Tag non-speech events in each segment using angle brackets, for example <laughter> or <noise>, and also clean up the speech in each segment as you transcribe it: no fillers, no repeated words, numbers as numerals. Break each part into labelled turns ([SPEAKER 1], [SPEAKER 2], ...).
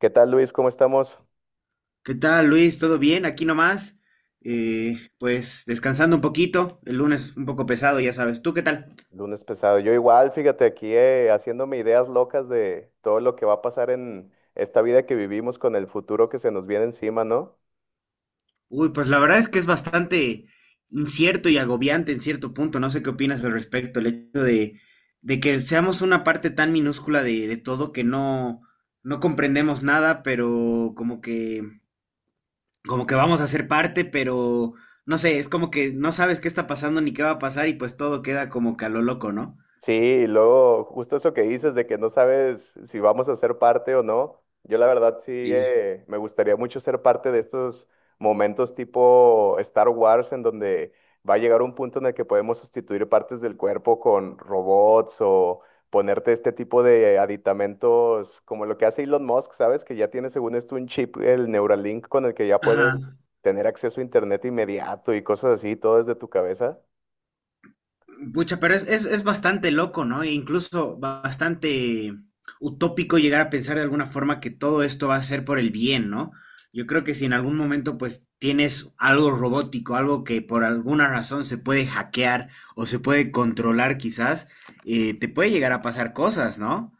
[SPEAKER 1] ¿Qué tal, Luis? ¿Cómo estamos?
[SPEAKER 2] ¿Qué tal, Luis? ¿Todo bien? Aquí nomás. Pues descansando un poquito. El lunes un poco pesado, ya sabes. ¿Tú qué tal?
[SPEAKER 1] Lunes pesado. Yo igual, fíjate, aquí haciéndome ideas locas de todo lo que va a pasar en esta vida que vivimos con el futuro que se nos viene encima, ¿no?
[SPEAKER 2] Uy, pues la verdad es que es bastante incierto y agobiante en cierto punto. No sé qué opinas al respecto. El hecho de que seamos una parte tan minúscula de todo, que no comprendemos nada, pero como que vamos a ser parte, pero no sé, es como que no sabes qué está pasando ni qué va a pasar, y pues todo queda como que a lo loco, ¿no?
[SPEAKER 1] Sí, y luego justo eso que dices de que no sabes si vamos a ser parte o no. Yo la verdad sí
[SPEAKER 2] Sí.
[SPEAKER 1] me gustaría mucho ser parte de estos momentos tipo Star Wars en donde va a llegar un punto en el que podemos sustituir partes del cuerpo con robots o ponerte este tipo de aditamentos como lo que hace Elon Musk, ¿sabes? Que ya tiene según esto un chip, el Neuralink, con el que ya puedes
[SPEAKER 2] Ajá.
[SPEAKER 1] tener acceso a internet inmediato y cosas así, todo desde tu cabeza.
[SPEAKER 2] Pucha, pero es bastante loco, ¿no? E incluso bastante utópico llegar a pensar de alguna forma que todo esto va a ser por el bien, ¿no? Yo creo que si en algún momento pues tienes algo robótico, algo que por alguna razón se puede hackear o se puede controlar quizás, te puede llegar a pasar cosas, ¿no?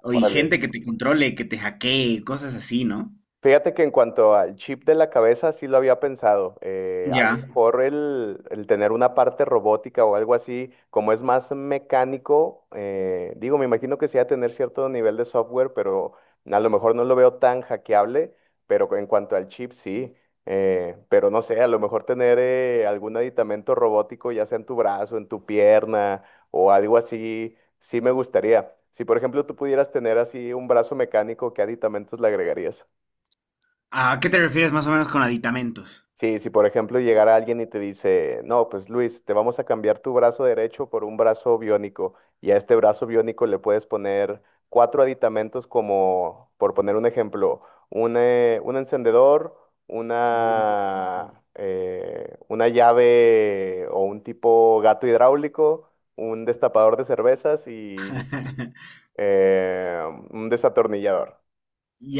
[SPEAKER 2] O, y
[SPEAKER 1] Órale.
[SPEAKER 2] gente que te controle, que te hackee, cosas así, ¿no?
[SPEAKER 1] Fíjate que en cuanto al chip de la cabeza, sí lo había pensado. Eh, a lo
[SPEAKER 2] Ya.
[SPEAKER 1] mejor el, el tener una parte robótica o algo así, como es más mecánico, digo, me imagino que sí va a tener cierto nivel de software, pero a lo mejor no lo veo tan hackeable, pero en cuanto al chip, sí. Pero no sé, a lo mejor tener algún aditamento robótico, ya sea en tu brazo, en tu pierna o algo así, sí me gustaría. Si, por ejemplo, tú pudieras tener así un brazo mecánico, ¿qué aditamentos le agregarías?
[SPEAKER 2] ¿A qué te refieres más o menos con aditamentos?
[SPEAKER 1] Sí, si por ejemplo llegara alguien y te dice, no, pues Luis, te vamos a cambiar tu brazo derecho por un brazo biónico y a este brazo biónico le puedes poner cuatro aditamentos como, por poner un ejemplo, un encendedor,
[SPEAKER 2] <laughs> Mm,
[SPEAKER 1] una llave o un tipo gato hidráulico, un destapador de cervezas
[SPEAKER 2] ok.
[SPEAKER 1] y
[SPEAKER 2] <laughs>
[SPEAKER 1] eh, un desatornillador.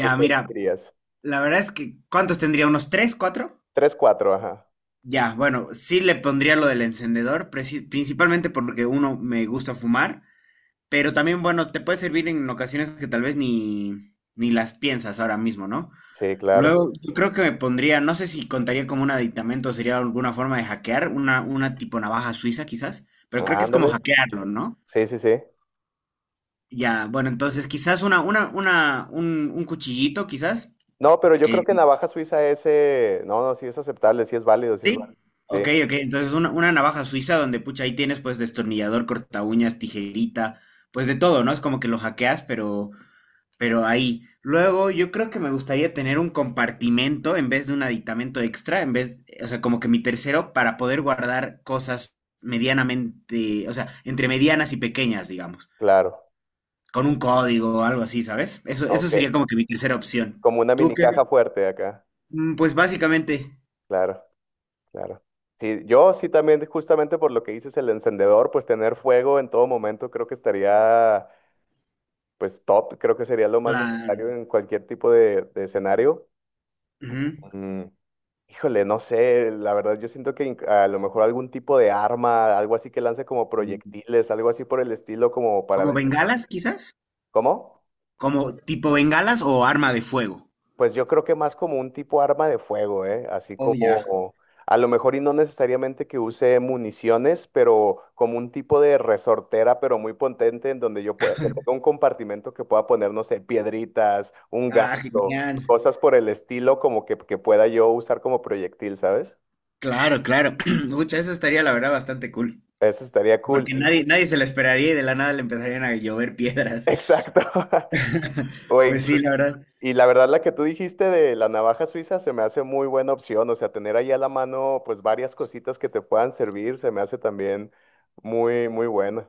[SPEAKER 1] ¿Tú qué
[SPEAKER 2] mira,
[SPEAKER 1] dirías?
[SPEAKER 2] la verdad es que, ¿cuántos tendría? ¿Unos tres, cuatro?
[SPEAKER 1] Tres, cuatro, ajá.
[SPEAKER 2] Ya, bueno, sí le pondría lo del encendedor, principalmente porque uno me gusta fumar, pero también, bueno, te puede servir en ocasiones que tal vez ni las piensas ahora mismo, ¿no?
[SPEAKER 1] Sí, claro.
[SPEAKER 2] Luego, yo creo que me pondría, no sé si contaría como un aditamento, sería alguna forma de hackear, una tipo navaja suiza quizás, pero creo que es como
[SPEAKER 1] Ándale.
[SPEAKER 2] hackearlo, ¿no?
[SPEAKER 1] Sí, sí, sí.
[SPEAKER 2] Ya, bueno, entonces quizás un cuchillito quizás,
[SPEAKER 1] No, pero yo
[SPEAKER 2] que
[SPEAKER 1] creo que navaja suiza ese, no, no, sí es aceptable, sí es válido, sí es válido.
[SPEAKER 2] sí, ok,
[SPEAKER 1] Sí,
[SPEAKER 2] ok. Entonces una navaja suiza donde, pucha, ahí tienes pues destornillador, corta uñas, tijerita, pues de todo, ¿no? Es como que lo hackeas, pero ahí. Luego yo creo que me gustaría tener un compartimento en vez de un aditamento extra, en vez, o sea, como que mi tercero para poder guardar cosas medianamente, o sea, entre medianas y pequeñas, digamos,
[SPEAKER 1] claro.
[SPEAKER 2] con un código o algo así, ¿sabes? Eso
[SPEAKER 1] Ok.
[SPEAKER 2] sería como que mi tercera opción.
[SPEAKER 1] Como una
[SPEAKER 2] ¿Tú
[SPEAKER 1] mini
[SPEAKER 2] qué?
[SPEAKER 1] caja fuerte acá.
[SPEAKER 2] Mm, pues básicamente,
[SPEAKER 1] Claro, claro. Sí, yo sí también, justamente por lo que dices, el encendedor, pues tener fuego en todo momento creo que estaría, pues top, creo que sería lo más
[SPEAKER 2] claro.
[SPEAKER 1] necesario en cualquier tipo de escenario. Mm, híjole, no sé, la verdad yo siento que a lo mejor algún tipo de arma, algo así que lance como
[SPEAKER 2] Ujú.
[SPEAKER 1] proyectiles, algo así por el estilo, como para
[SPEAKER 2] ¿Como
[SPEAKER 1] defen-
[SPEAKER 2] bengalas, quizás?
[SPEAKER 1] ¿Cómo?
[SPEAKER 2] ¿Como tipo bengalas o arma de fuego?
[SPEAKER 1] Pues yo creo que más como un tipo arma de fuego, ¿eh? Así
[SPEAKER 2] Oh, ya.
[SPEAKER 1] como, a lo mejor y no necesariamente que use municiones, pero como un tipo de resortera, pero muy potente, en donde yo pueda, que tenga un compartimento que pueda poner, no sé, piedritas, un gato,
[SPEAKER 2] Ah, genial.
[SPEAKER 1] cosas por el estilo, como que pueda yo usar como proyectil, ¿sabes?
[SPEAKER 2] Claro, claro. <clears throat> Mucha, eso estaría la verdad bastante cool.
[SPEAKER 1] Eso estaría cool.
[SPEAKER 2] Porque
[SPEAKER 1] Y-
[SPEAKER 2] nadie, nadie se la esperaría y de la nada le empezarían a llover
[SPEAKER 1] <laughs>
[SPEAKER 2] piedras.
[SPEAKER 1] exacto.
[SPEAKER 2] <laughs>
[SPEAKER 1] O
[SPEAKER 2] Pues sí, la
[SPEAKER 1] incluso,
[SPEAKER 2] verdad,
[SPEAKER 1] y la verdad, la que tú dijiste de la navaja suiza se me hace muy buena opción. O sea, tener ahí a la mano, pues varias cositas que te puedan servir, se me hace también muy, muy buena.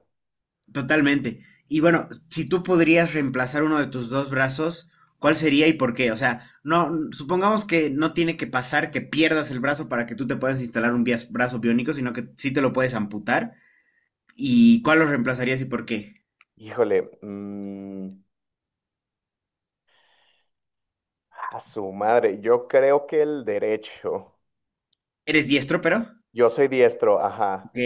[SPEAKER 2] totalmente. Y bueno, si tú podrías reemplazar uno de tus dos brazos, ¿cuál sería y por qué? O sea, no, supongamos que no tiene que pasar que pierdas el brazo para que tú te puedas instalar un brazo biónico, sino que sí te lo puedes amputar. ¿Y cuál lo reemplazarías y por qué?
[SPEAKER 1] Híjole, mm, a su madre, yo creo que el derecho.
[SPEAKER 2] ¿Eres diestro, pero?
[SPEAKER 1] Yo soy diestro, ajá.
[SPEAKER 2] Ok,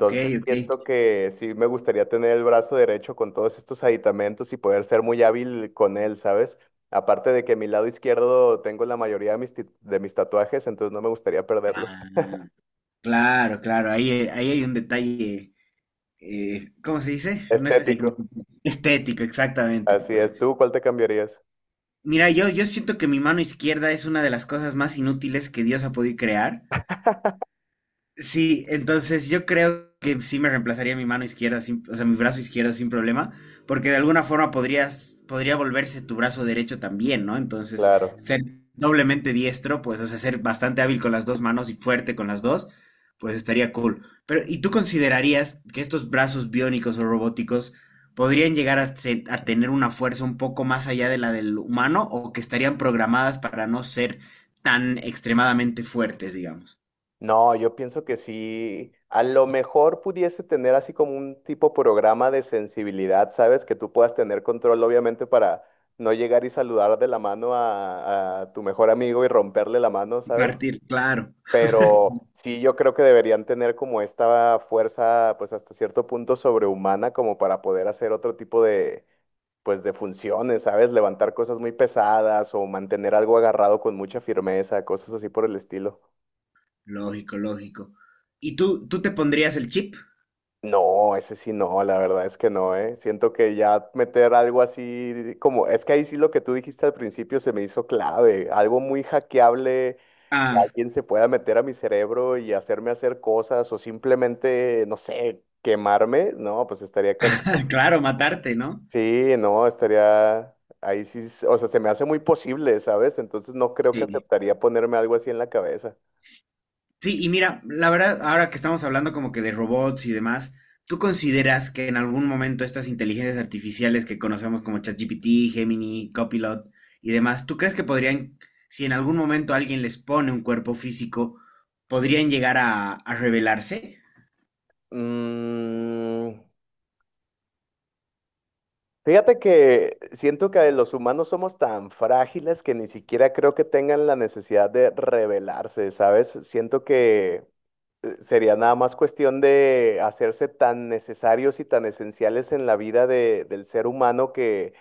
[SPEAKER 2] ok, ok.
[SPEAKER 1] siento que sí me gustaría tener el brazo derecho con todos estos aditamentos y poder ser muy hábil con él, ¿sabes? Aparte de que mi lado izquierdo tengo la mayoría de de mis tatuajes, entonces no me gustaría perderlo.
[SPEAKER 2] Ah, claro, claro, ahí, ahí hay un detalle, ¿cómo se dice? No es
[SPEAKER 1] Estético,
[SPEAKER 2] técnico, estético, exactamente,
[SPEAKER 1] así
[SPEAKER 2] pues.
[SPEAKER 1] es. ¿Tú cuál te cambiarías?
[SPEAKER 2] Mira, yo siento que mi mano izquierda es una de las cosas más inútiles que Dios ha podido crear. Sí, entonces yo creo que sí me reemplazaría mi mano izquierda, o sea, mi brazo izquierdo sin problema, porque de alguna forma podría volverse tu brazo derecho también, ¿no? Entonces,
[SPEAKER 1] Claro.
[SPEAKER 2] ser doblemente diestro, pues, o sea, ser bastante hábil con las dos manos y fuerte con las dos, pues estaría cool. Pero, ¿y tú considerarías que estos brazos biónicos o robóticos podrían llegar a tener una fuerza un poco más allá de la del humano, o que estarían programadas para no ser tan extremadamente fuertes, digamos?
[SPEAKER 1] No, yo pienso que sí. A lo mejor pudiese tener así como un tipo programa de sensibilidad, ¿sabes? Que tú puedas tener control, obviamente, para no llegar y saludar de la mano a tu mejor amigo y romperle la mano, ¿sabes?
[SPEAKER 2] Partir, claro.
[SPEAKER 1] Pero sí, yo creo que deberían tener como esta fuerza, pues hasta cierto punto sobrehumana, como para poder hacer otro tipo de, pues de funciones, ¿sabes? Levantar cosas muy pesadas o mantener algo agarrado con mucha firmeza, cosas así por el estilo.
[SPEAKER 2] Lógico, lógico. ¿Y tú te pondrías el chip?
[SPEAKER 1] No, ese sí no, la verdad es que no, ¿eh? Siento que ya meter algo así, como, es que ahí sí lo que tú dijiste al principio se me hizo clave, algo muy hackeable, que
[SPEAKER 2] Ah,
[SPEAKER 1] alguien se pueda meter a mi cerebro y hacerme hacer cosas o simplemente, no sé, quemarme, no, pues estaría cansado.
[SPEAKER 2] <laughs> claro, matarte, ¿no?
[SPEAKER 1] Sí, no, estaría ahí sí, s- o sea, se me hace muy posible, ¿sabes? Entonces no creo que
[SPEAKER 2] Sí.
[SPEAKER 1] aceptaría ponerme algo así en la cabeza.
[SPEAKER 2] Sí, y mira, la verdad, ahora que estamos hablando como que de robots y demás, ¿tú consideras que en algún momento estas inteligencias artificiales que conocemos como ChatGPT, Gemini, Copilot y demás, ¿tú crees que podrían, si en algún momento alguien les pone un cuerpo físico, podrían llegar a revelarse?
[SPEAKER 1] Mm, fíjate que siento que los humanos somos tan frágiles que ni siquiera creo que tengan la necesidad de rebelarse, ¿sabes? Siento que sería nada más cuestión de hacerse tan necesarios y tan esenciales en la vida de- del ser humano que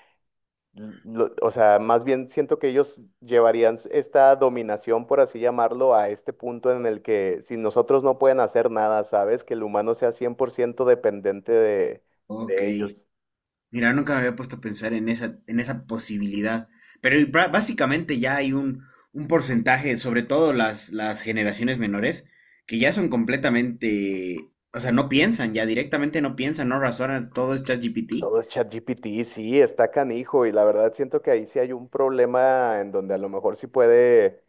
[SPEAKER 1] lo- o sea, más bien siento que ellos llevarían s- esta dominación, por así llamarlo, a este punto en el que si nosotros no pueden hacer nada, ¿sabes? Que el humano sea 100% dependiente
[SPEAKER 2] Ok.
[SPEAKER 1] de ellos.
[SPEAKER 2] Mira, nunca me había puesto a pensar en esa posibilidad. Pero y básicamente ya hay un porcentaje, sobre todo las generaciones menores, que ya son completamente, o sea, no piensan, ya directamente no piensan, no razonan, todo es ChatGPT.
[SPEAKER 1] Todo es ChatGPT, sí, está canijo, y la verdad siento que ahí sí hay un problema en donde a lo mejor sí puede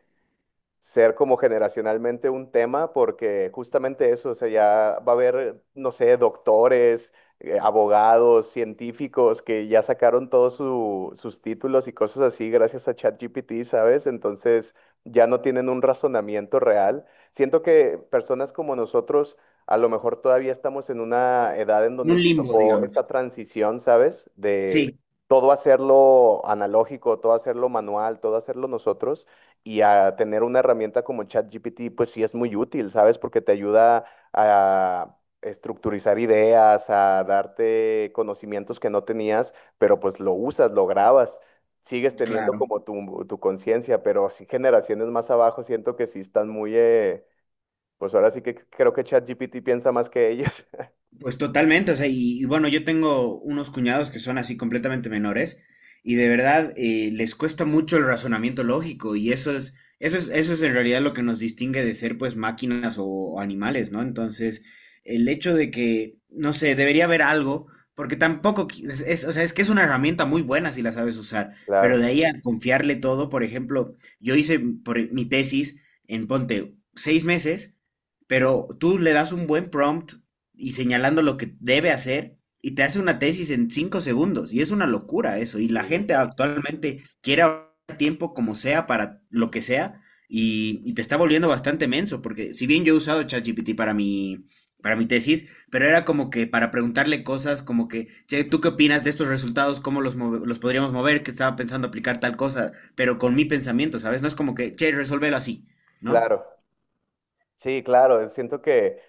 [SPEAKER 1] ser como generacionalmente un tema, porque justamente eso, o sea, ya va a haber, no sé, doctores, abogados, científicos que ya sacaron todos su- sus títulos y cosas así gracias a ChatGPT, ¿sabes? Entonces ya no tienen un razonamiento real. Siento que personas como nosotros a lo mejor todavía estamos en una edad en donde
[SPEAKER 2] Un
[SPEAKER 1] nos
[SPEAKER 2] limbo,
[SPEAKER 1] tocó
[SPEAKER 2] digamos.
[SPEAKER 1] esta transición, ¿sabes?
[SPEAKER 2] Sí,
[SPEAKER 1] De todo hacerlo analógico, todo hacerlo manual, todo hacerlo nosotros y a tener una herramienta como ChatGPT, pues sí es muy útil, ¿sabes? Porque te ayuda a estructurizar ideas, a darte conocimientos que no tenías, pero pues lo usas, lo grabas, sigues teniendo
[SPEAKER 2] claro.
[SPEAKER 1] como tu conciencia, pero sí generaciones más abajo siento que sí están muy, pues ahora sí que creo que ChatGPT piensa más que ellos. <laughs>
[SPEAKER 2] Pues totalmente, o sea, y bueno, yo tengo unos cuñados que son así completamente menores, y de verdad les cuesta mucho el razonamiento lógico, y eso es en realidad lo que nos distingue de ser pues máquinas o animales, ¿no? Entonces, el hecho de que, no sé, debería haber algo, porque tampoco, o sea, es que es una herramienta muy buena si la sabes usar, pero de
[SPEAKER 1] Claro.
[SPEAKER 2] ahí a confiarle todo. Por ejemplo, yo hice por mi tesis en, ponte, 6 meses. Pero tú le das un buen prompt, y señalando lo que debe hacer y te hace una tesis en 5 segundos. Y es una locura eso. Y la
[SPEAKER 1] Sí,
[SPEAKER 2] gente
[SPEAKER 1] claro.
[SPEAKER 2] actualmente quiere ahorrar tiempo como sea para lo que sea, y, te está volviendo bastante menso. Porque si bien yo he usado ChatGPT para mi tesis, pero era como que para preguntarle cosas como que: "Che, ¿tú qué opinas de estos resultados? ¿Cómo los podríamos mover? Que estaba pensando aplicar tal cosa, pero con mi pensamiento, ¿sabes? No es como que, che, resuélvelo así, ¿no?".
[SPEAKER 1] Claro, sí, claro. Siento que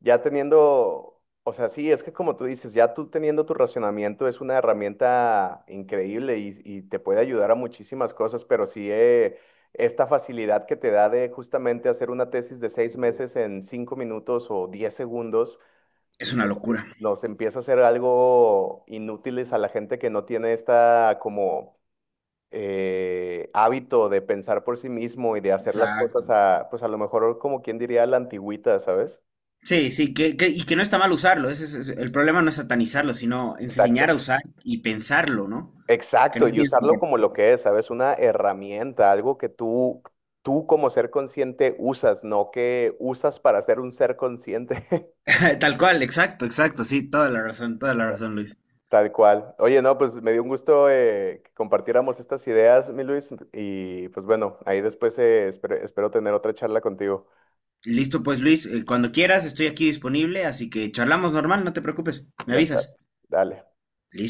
[SPEAKER 1] ya teniendo, o sea, sí, es que como tú dices, ya tú teniendo tu racionamiento es una herramienta increíble y te puede ayudar a muchísimas cosas, pero sí esta facilidad que te da de justamente hacer una tesis de 6 meses en 5 minutos o 10 segundos,
[SPEAKER 2] Es una
[SPEAKER 1] híjole,
[SPEAKER 2] locura.
[SPEAKER 1] es- nos empieza a hacer algo inútiles a la gente que no tiene esta como hábito de pensar por sí mismo y de hacer las cosas
[SPEAKER 2] Exacto.
[SPEAKER 1] a, pues a lo mejor como quien diría a la antigüita, ¿sabes?
[SPEAKER 2] Sí, sí, y que no está mal usarlo. Ese es el problema: no es satanizarlo, sino enseñar
[SPEAKER 1] Exacto.
[SPEAKER 2] a usar y pensarlo, ¿no? Que
[SPEAKER 1] Exacto,
[SPEAKER 2] no
[SPEAKER 1] y
[SPEAKER 2] piensen
[SPEAKER 1] usarlo como
[SPEAKER 2] que-
[SPEAKER 1] lo que es, ¿sabes? Una herramienta, algo que tú como ser consciente usas, no que usas para ser un ser consciente, <laughs>
[SPEAKER 2] <laughs> Tal cual, exacto, exacto, sí, toda la razón, Luis.
[SPEAKER 1] tal cual. Oye, no, pues me dio un gusto que compartiéramos estas ideas, mi Luis, y pues bueno, ahí después espero, espero tener otra charla contigo.
[SPEAKER 2] Listo, pues, Luis, cuando quieras, estoy aquí disponible, así que charlamos normal, no te preocupes, me
[SPEAKER 1] Ya está,
[SPEAKER 2] avisas.
[SPEAKER 1] dale.
[SPEAKER 2] Listo.